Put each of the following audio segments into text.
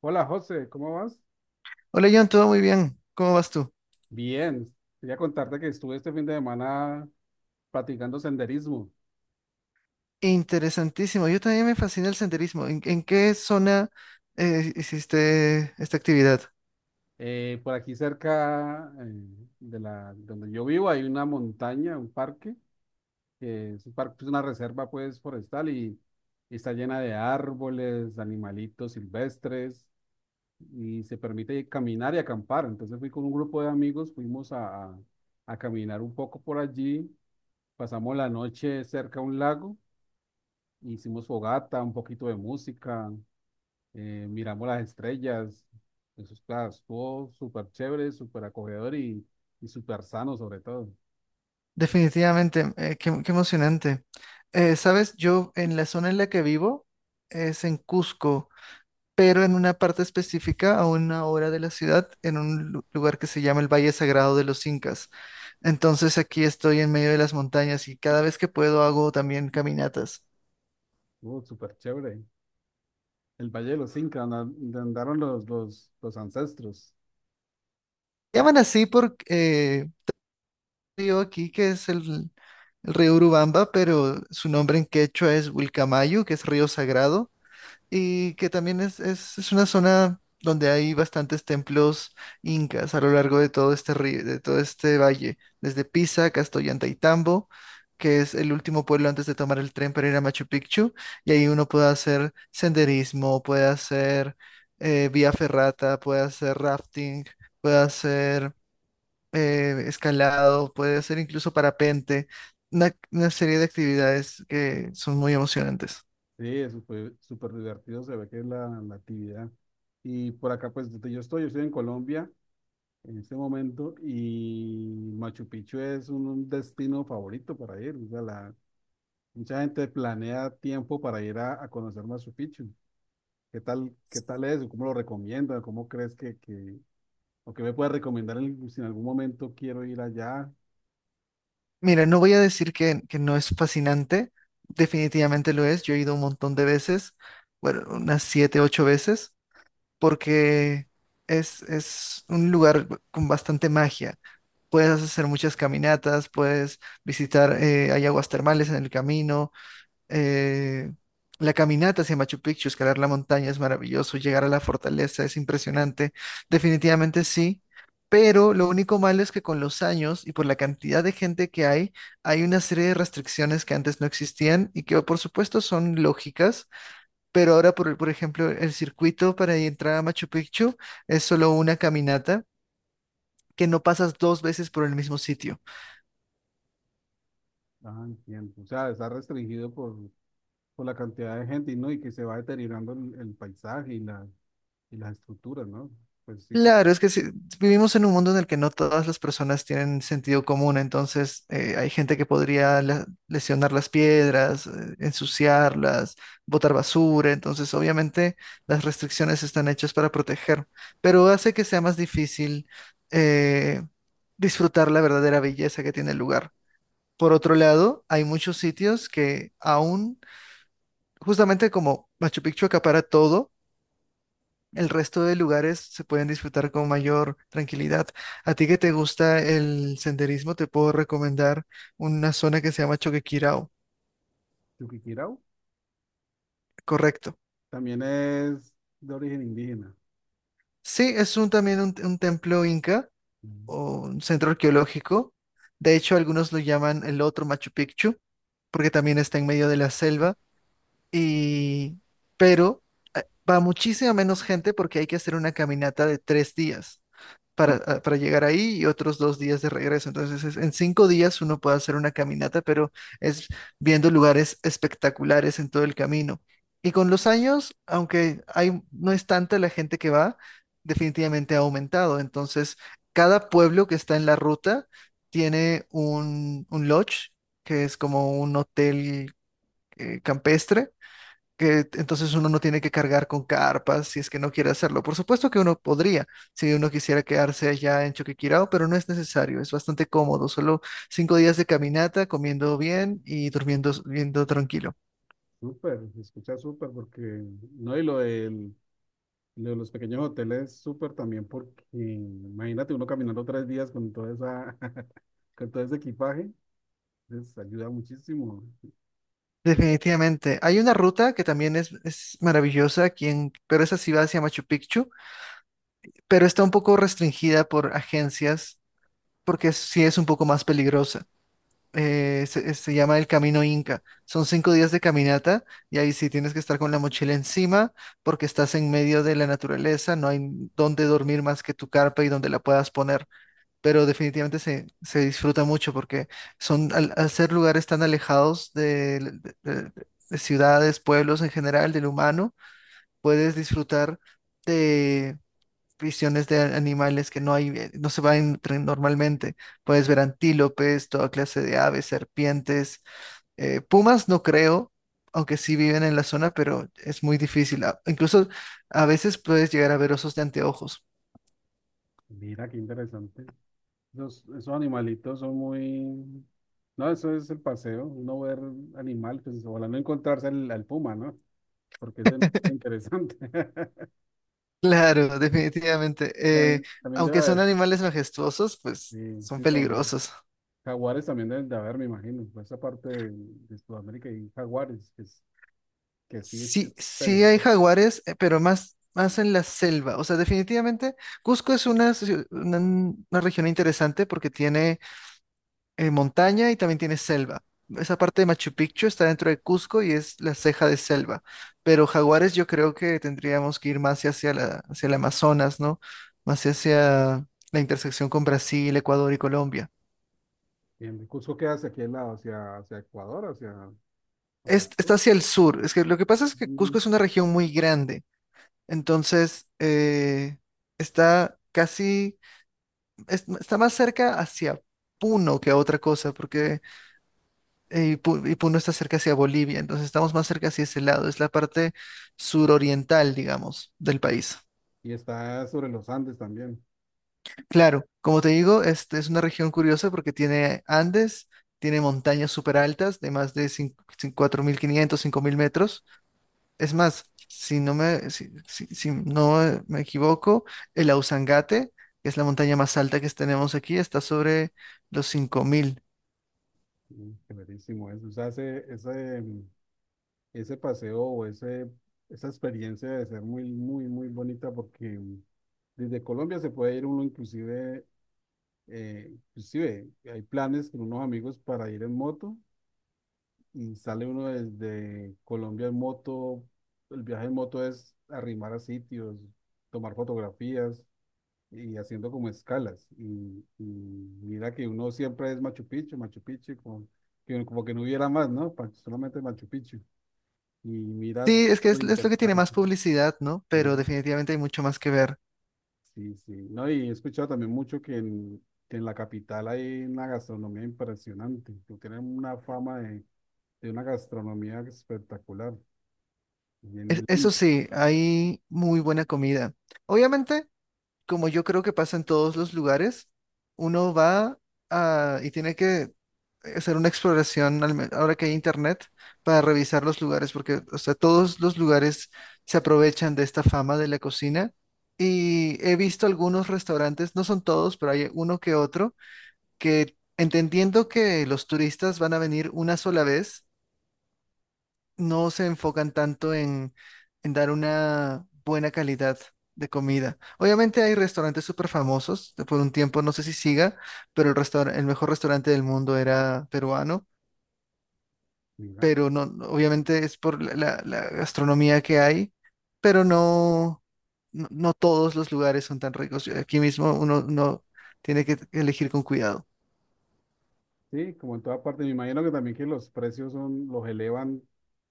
Hola José, ¿cómo vas? Hola John, todo muy bien. ¿Cómo vas tú? Bien, quería contarte que estuve este fin de semana practicando senderismo. Interesantísimo. Yo también me fascina el senderismo. ¿En qué zona hiciste esta actividad? Por aquí cerca donde yo vivo hay una montaña, un parque, es una reserva pues forestal y está llena de árboles, animalitos silvestres y se permite caminar y acampar. Entonces fui con un grupo de amigos, fuimos a caminar un poco por allí, pasamos la noche cerca a un lago. Hicimos fogata, un poquito de música, miramos las estrellas. Eso estuvo súper chévere, súper acogedor y súper sano sobre todo. Definitivamente, qué emocionante. Sabes, yo en la zona en la que vivo es en Cusco, pero en una parte específica, a una hora de la ciudad, en un lugar que se llama el Valle Sagrado de los Incas. Entonces aquí estoy en medio de las montañas y cada vez que puedo hago también caminatas. Estuvo súper chévere. El Valle de los Incas, donde donde andaron los ancestros. Llaman así porque río aquí que es el río Urubamba, pero su nombre en quechua es Wilcamayu, que es río sagrado, y que también es una zona donde hay bastantes templos incas a lo largo de todo este río, de todo este valle, desde Pisa, Castoyantaytambo, que es el último pueblo antes de tomar el tren para ir a Machu Picchu, y ahí uno puede hacer senderismo, puede hacer vía ferrata, puede hacer rafting, puede hacer escalado, puede hacer incluso parapente, una serie de actividades que son muy emocionantes. Sí, eso fue súper divertido, se ve que es la actividad. Y por acá, pues donde yo estoy en Colombia en este momento, y Machu Picchu es un destino favorito para ir. O sea, mucha gente planea tiempo para ir a conocer Machu Picchu. ¿Qué tal es? ¿Cómo lo recomiendas? ¿Cómo crees o qué me puedes recomendar si en algún momento quiero ir allá? Mira, no voy a decir que no es fascinante, definitivamente lo es. Yo he ido un montón de veces, bueno, unas siete, ocho veces, porque es un lugar con bastante magia. Puedes hacer muchas caminatas, puedes visitar, hay aguas termales en el camino. eh, la caminata hacia Machu Picchu, escalar la montaña es maravilloso, llegar a la fortaleza es impresionante, definitivamente sí, pero lo único malo es que con los años y por la cantidad de gente que hay una serie de restricciones que antes no existían y que por supuesto son lógicas, pero ahora por ejemplo el circuito para entrar a Machu Picchu es solo una caminata que no pasas dos veces por el mismo sitio. Ah, entiendo. O sea, está restringido por la cantidad de gente, y ¿no? Y que se va deteriorando el paisaje, y las estructuras, ¿no? Pues sí, como Claro, es que sí, vivimos en un mundo en el que no todas las personas tienen sentido común, entonces hay gente que podría lesionar las piedras, ensuciarlas, botar basura. Entonces obviamente las restricciones están hechas para proteger, pero hace que sea más difícil eh, disfrutar la verdadera belleza que tiene el lugar. Por otro lado, hay muchos sitios que aún, justamente como Machu Picchu acapara todo, el resto de lugares se pueden disfrutar con mayor tranquilidad. A ti que te gusta el senderismo, te puedo recomendar una zona que se llama Choquequirao. Chuquicirao Correcto. también es de origen indígena. Sí, es un, también un, templo inca Mm. o un centro arqueológico. De hecho, algunos lo llaman el otro Machu Picchu, porque también está en medio de la selva. Y, pero va muchísima menos gente porque hay que hacer una caminata de 3 días. Para llegar ahí y otros 2 días de regreso. Entonces, en 5 días uno puede hacer una caminata, pero es viendo lugares espectaculares en todo el camino. Y con los años, aunque hay, no es tanta la gente que va, definitivamente ha aumentado. Entonces, cada pueblo que está en la ruta tiene un, lodge, que es como un hotel, campestre, que entonces uno no tiene que cargar con carpas si es que no quiere hacerlo. Por supuesto que uno podría, si uno quisiera quedarse allá en Choquequirao, pero no es necesario, es bastante cómodo, solo 5 días de caminata, comiendo bien y durmiendo tranquilo. Súper, se escucha súper porque, no, y lo de los pequeños hoteles, súper también porque imagínate uno caminando 3 días con toda con todo ese equipaje, les ayuda muchísimo. Entonces, Definitivamente. Hay una ruta que también es maravillosa aquí pero esa sí va hacia Machu Picchu, pero está un poco restringida por agencias porque sí es un poco más peligrosa. Se llama el Camino Inca. Son 5 días de caminata y ahí sí tienes que estar con la mochila encima porque estás en medio de la naturaleza, no hay dónde dormir más que tu carpa y donde la puedas poner, pero definitivamente se disfruta mucho porque al ser lugares tan alejados de ciudades, pueblos en general, del humano, puedes disfrutar visiones de animales que no hay, no se van normalmente. Puedes ver antílopes, toda clase de aves, serpientes, pumas no creo, aunque sí viven en la zona, pero es muy difícil. Incluso a veces puedes llegar a ver osos de anteojos. mira qué interesante. Esos animalitos son muy. No, eso es el paseo, uno ver animal, pues ojalá no encontrarse al puma, ¿no? Porque ese no es tan interesante. Claro, definitivamente. Eh, También también debe aunque son haber, animales majestuosos, pues sí, son sí, peligrosos. jaguares también deben de haber, me imagino, por esa parte de Sudamérica y jaguares, que sí es Sí, sí hay peligroso. jaguares, pero más en la selva. O sea, definitivamente Cusco es una, ciu- una región interesante porque tiene, montaña y también tiene selva. Esa parte de Machu Picchu está dentro de Cusco y es la ceja de selva. Pero jaguares yo creo que tendríamos que ir más hacia el Amazonas, ¿no? Más hacia la intersección con Brasil, Ecuador y Colombia. Bien, Cusco queda hacia aquel lado, hacia Ecuador, hacia el sur. Está hacia el sur. Es que lo que pasa es que Mm. Cusco es una región muy grande. Entonces, está está más cerca hacia Puno que a otra cosa, porque Puno está cerca hacia Bolivia, entonces estamos más cerca hacia ese lado, es la parte suroriental, digamos, del país. Y está sobre los Andes también. Claro, como te digo, este es una región curiosa porque tiene Andes, tiene montañas súper altas de más de 4.500, 5.000 metros. Es más, si no me equivoco, el Ausangate, que es la montaña más alta que tenemos aquí, está sobre los 5.000. Qué eso. O sea, ese paseo o esa experiencia debe ser muy, muy, muy bonita porque desde Colombia se puede ir uno inclusive, inclusive hay planes con unos amigos para ir en moto, y sale uno desde Colombia en moto. El viaje en moto es arrimar a sitios, tomar fotografías y haciendo como escalas. Y mira que uno siempre es Machu Picchu, Machu Picchu, como que no hubiera más, ¿no? Solamente Machu Picchu. Y mira Sí, es que lo es lo que tiene interesante. más publicidad, ¿no? Pero Sí, definitivamente hay mucho más que ver. sí, sí. No, y he escuchado también mucho que en la capital hay una gastronomía impresionante, que tienen una fama de una gastronomía espectacular, bien Eso linda, sí, hay muy buena comida. Obviamente, como yo creo que pasa en todos los lugares, uno va y tiene que hacer una exploración, ahora que hay internet, para revisar los lugares, porque o sea, todos los lugares se aprovechan de esta fama de la cocina. Y he visto algunos restaurantes, no son todos, pero hay uno que otro, que entendiendo que los turistas van a venir una sola vez, no se enfocan tanto en dar una buena calidad de comida. Obviamente hay restaurantes súper famosos. De por un tiempo no sé si siga, pero el mejor restaurante del mundo era peruano, mira. pero no, no, obviamente es por la gastronomía que hay, pero no, no, no todos los lugares son tan ricos. Aquí mismo uno tiene que elegir con cuidado. Sí, como en toda parte, me imagino que también que los precios los elevan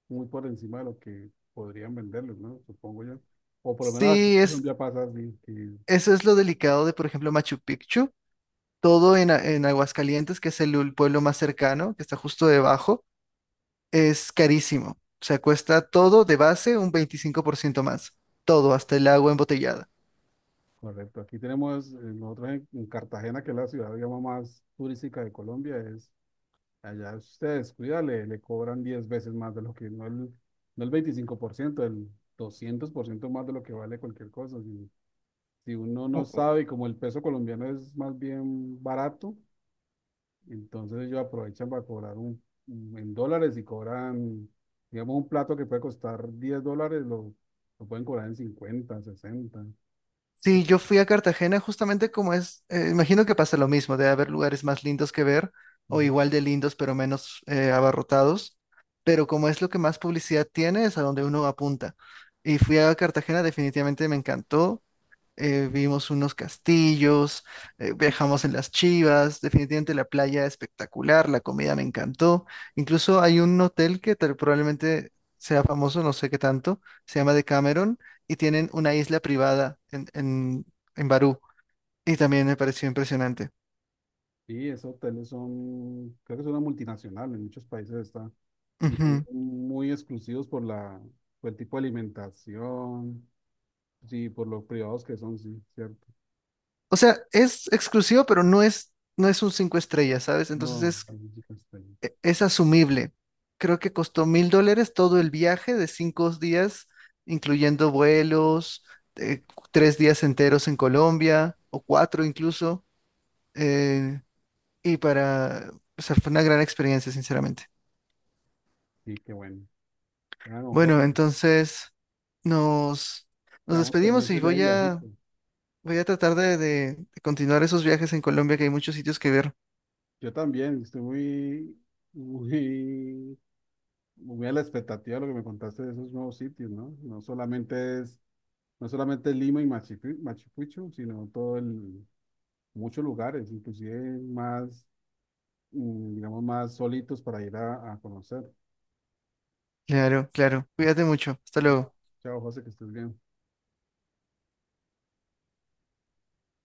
muy por encima de lo que podrían venderlos, ¿no? Supongo yo. O por lo menos aquí Sí, en Colombia pasa así, eso es lo delicado de, por ejemplo, Machu Picchu. Todo en Aguascalientes, que es el pueblo más cercano, que está justo debajo, es carísimo. O sea, cuesta todo de base un 25% más. Todo, hasta el agua embotellada. correcto. Aquí tenemos, nosotros en Cartagena, que es la ciudad, digamos, más turística de Colombia, allá si usted descuida, le cobran 10 veces más de lo que, no el, no el 25%, el 200% más de lo que vale cualquier cosa. Si, si uno no sabe, y como el peso colombiano es más bien barato. Entonces ellos aprovechan para cobrar en dólares y cobran, digamos, un plato que puede costar $10, lo pueden cobrar en 50, 60. Sí, yo fui a Cartagena justamente, como imagino que pasa lo mismo, debe haber lugares más lindos que ver o Ujú. igual de lindos pero menos, abarrotados, pero como es lo que más publicidad tiene es a donde uno apunta. Y fui a Cartagena, definitivamente me encantó. Vimos unos castillos, viajamos en las chivas, definitivamente la playa espectacular, la comida me encantó. Incluso hay un hotel que probablemente sea famoso, no sé qué tanto, se llama Decameron y tienen una isla privada en Barú, y también me pareció impresionante. Y esos hoteles son, creo que son una multinacional, en muchos países está, y son Ujú. muy exclusivos por por el tipo de alimentación, sí, por los privados que son, sí, cierto. O sea, es exclusivo, pero no es un cinco estrellas, ¿sabes? Entonces No, es ahí sí que está ahí. e- es asumible. Creo que costó $1,000 todo el viaje de 5 días, incluyendo vuelos, eh, 3 días enteros en Colombia o cuatro incluso. eh, y o sea, fue una gran experiencia, sinceramente. Sí, qué bueno. Bueno, Bueno, José, entonces nos, nos quedamos despedimos y pendientes de ese voy a, viajito. voy a tratar de continuar esos viajes en Colombia, que hay muchos sitios que ver. Yo también, estoy muy, muy muy a la expectativa de lo que me contaste de esos nuevos sitios, ¿no? No solamente es Lima y Machu Picchu, Machu Picchu, sino muchos lugares, inclusive más, digamos, más solitos para ir a conocer. Claro, claro. Cuídate mucho. Hasta luego. Chao, José, que estés bien.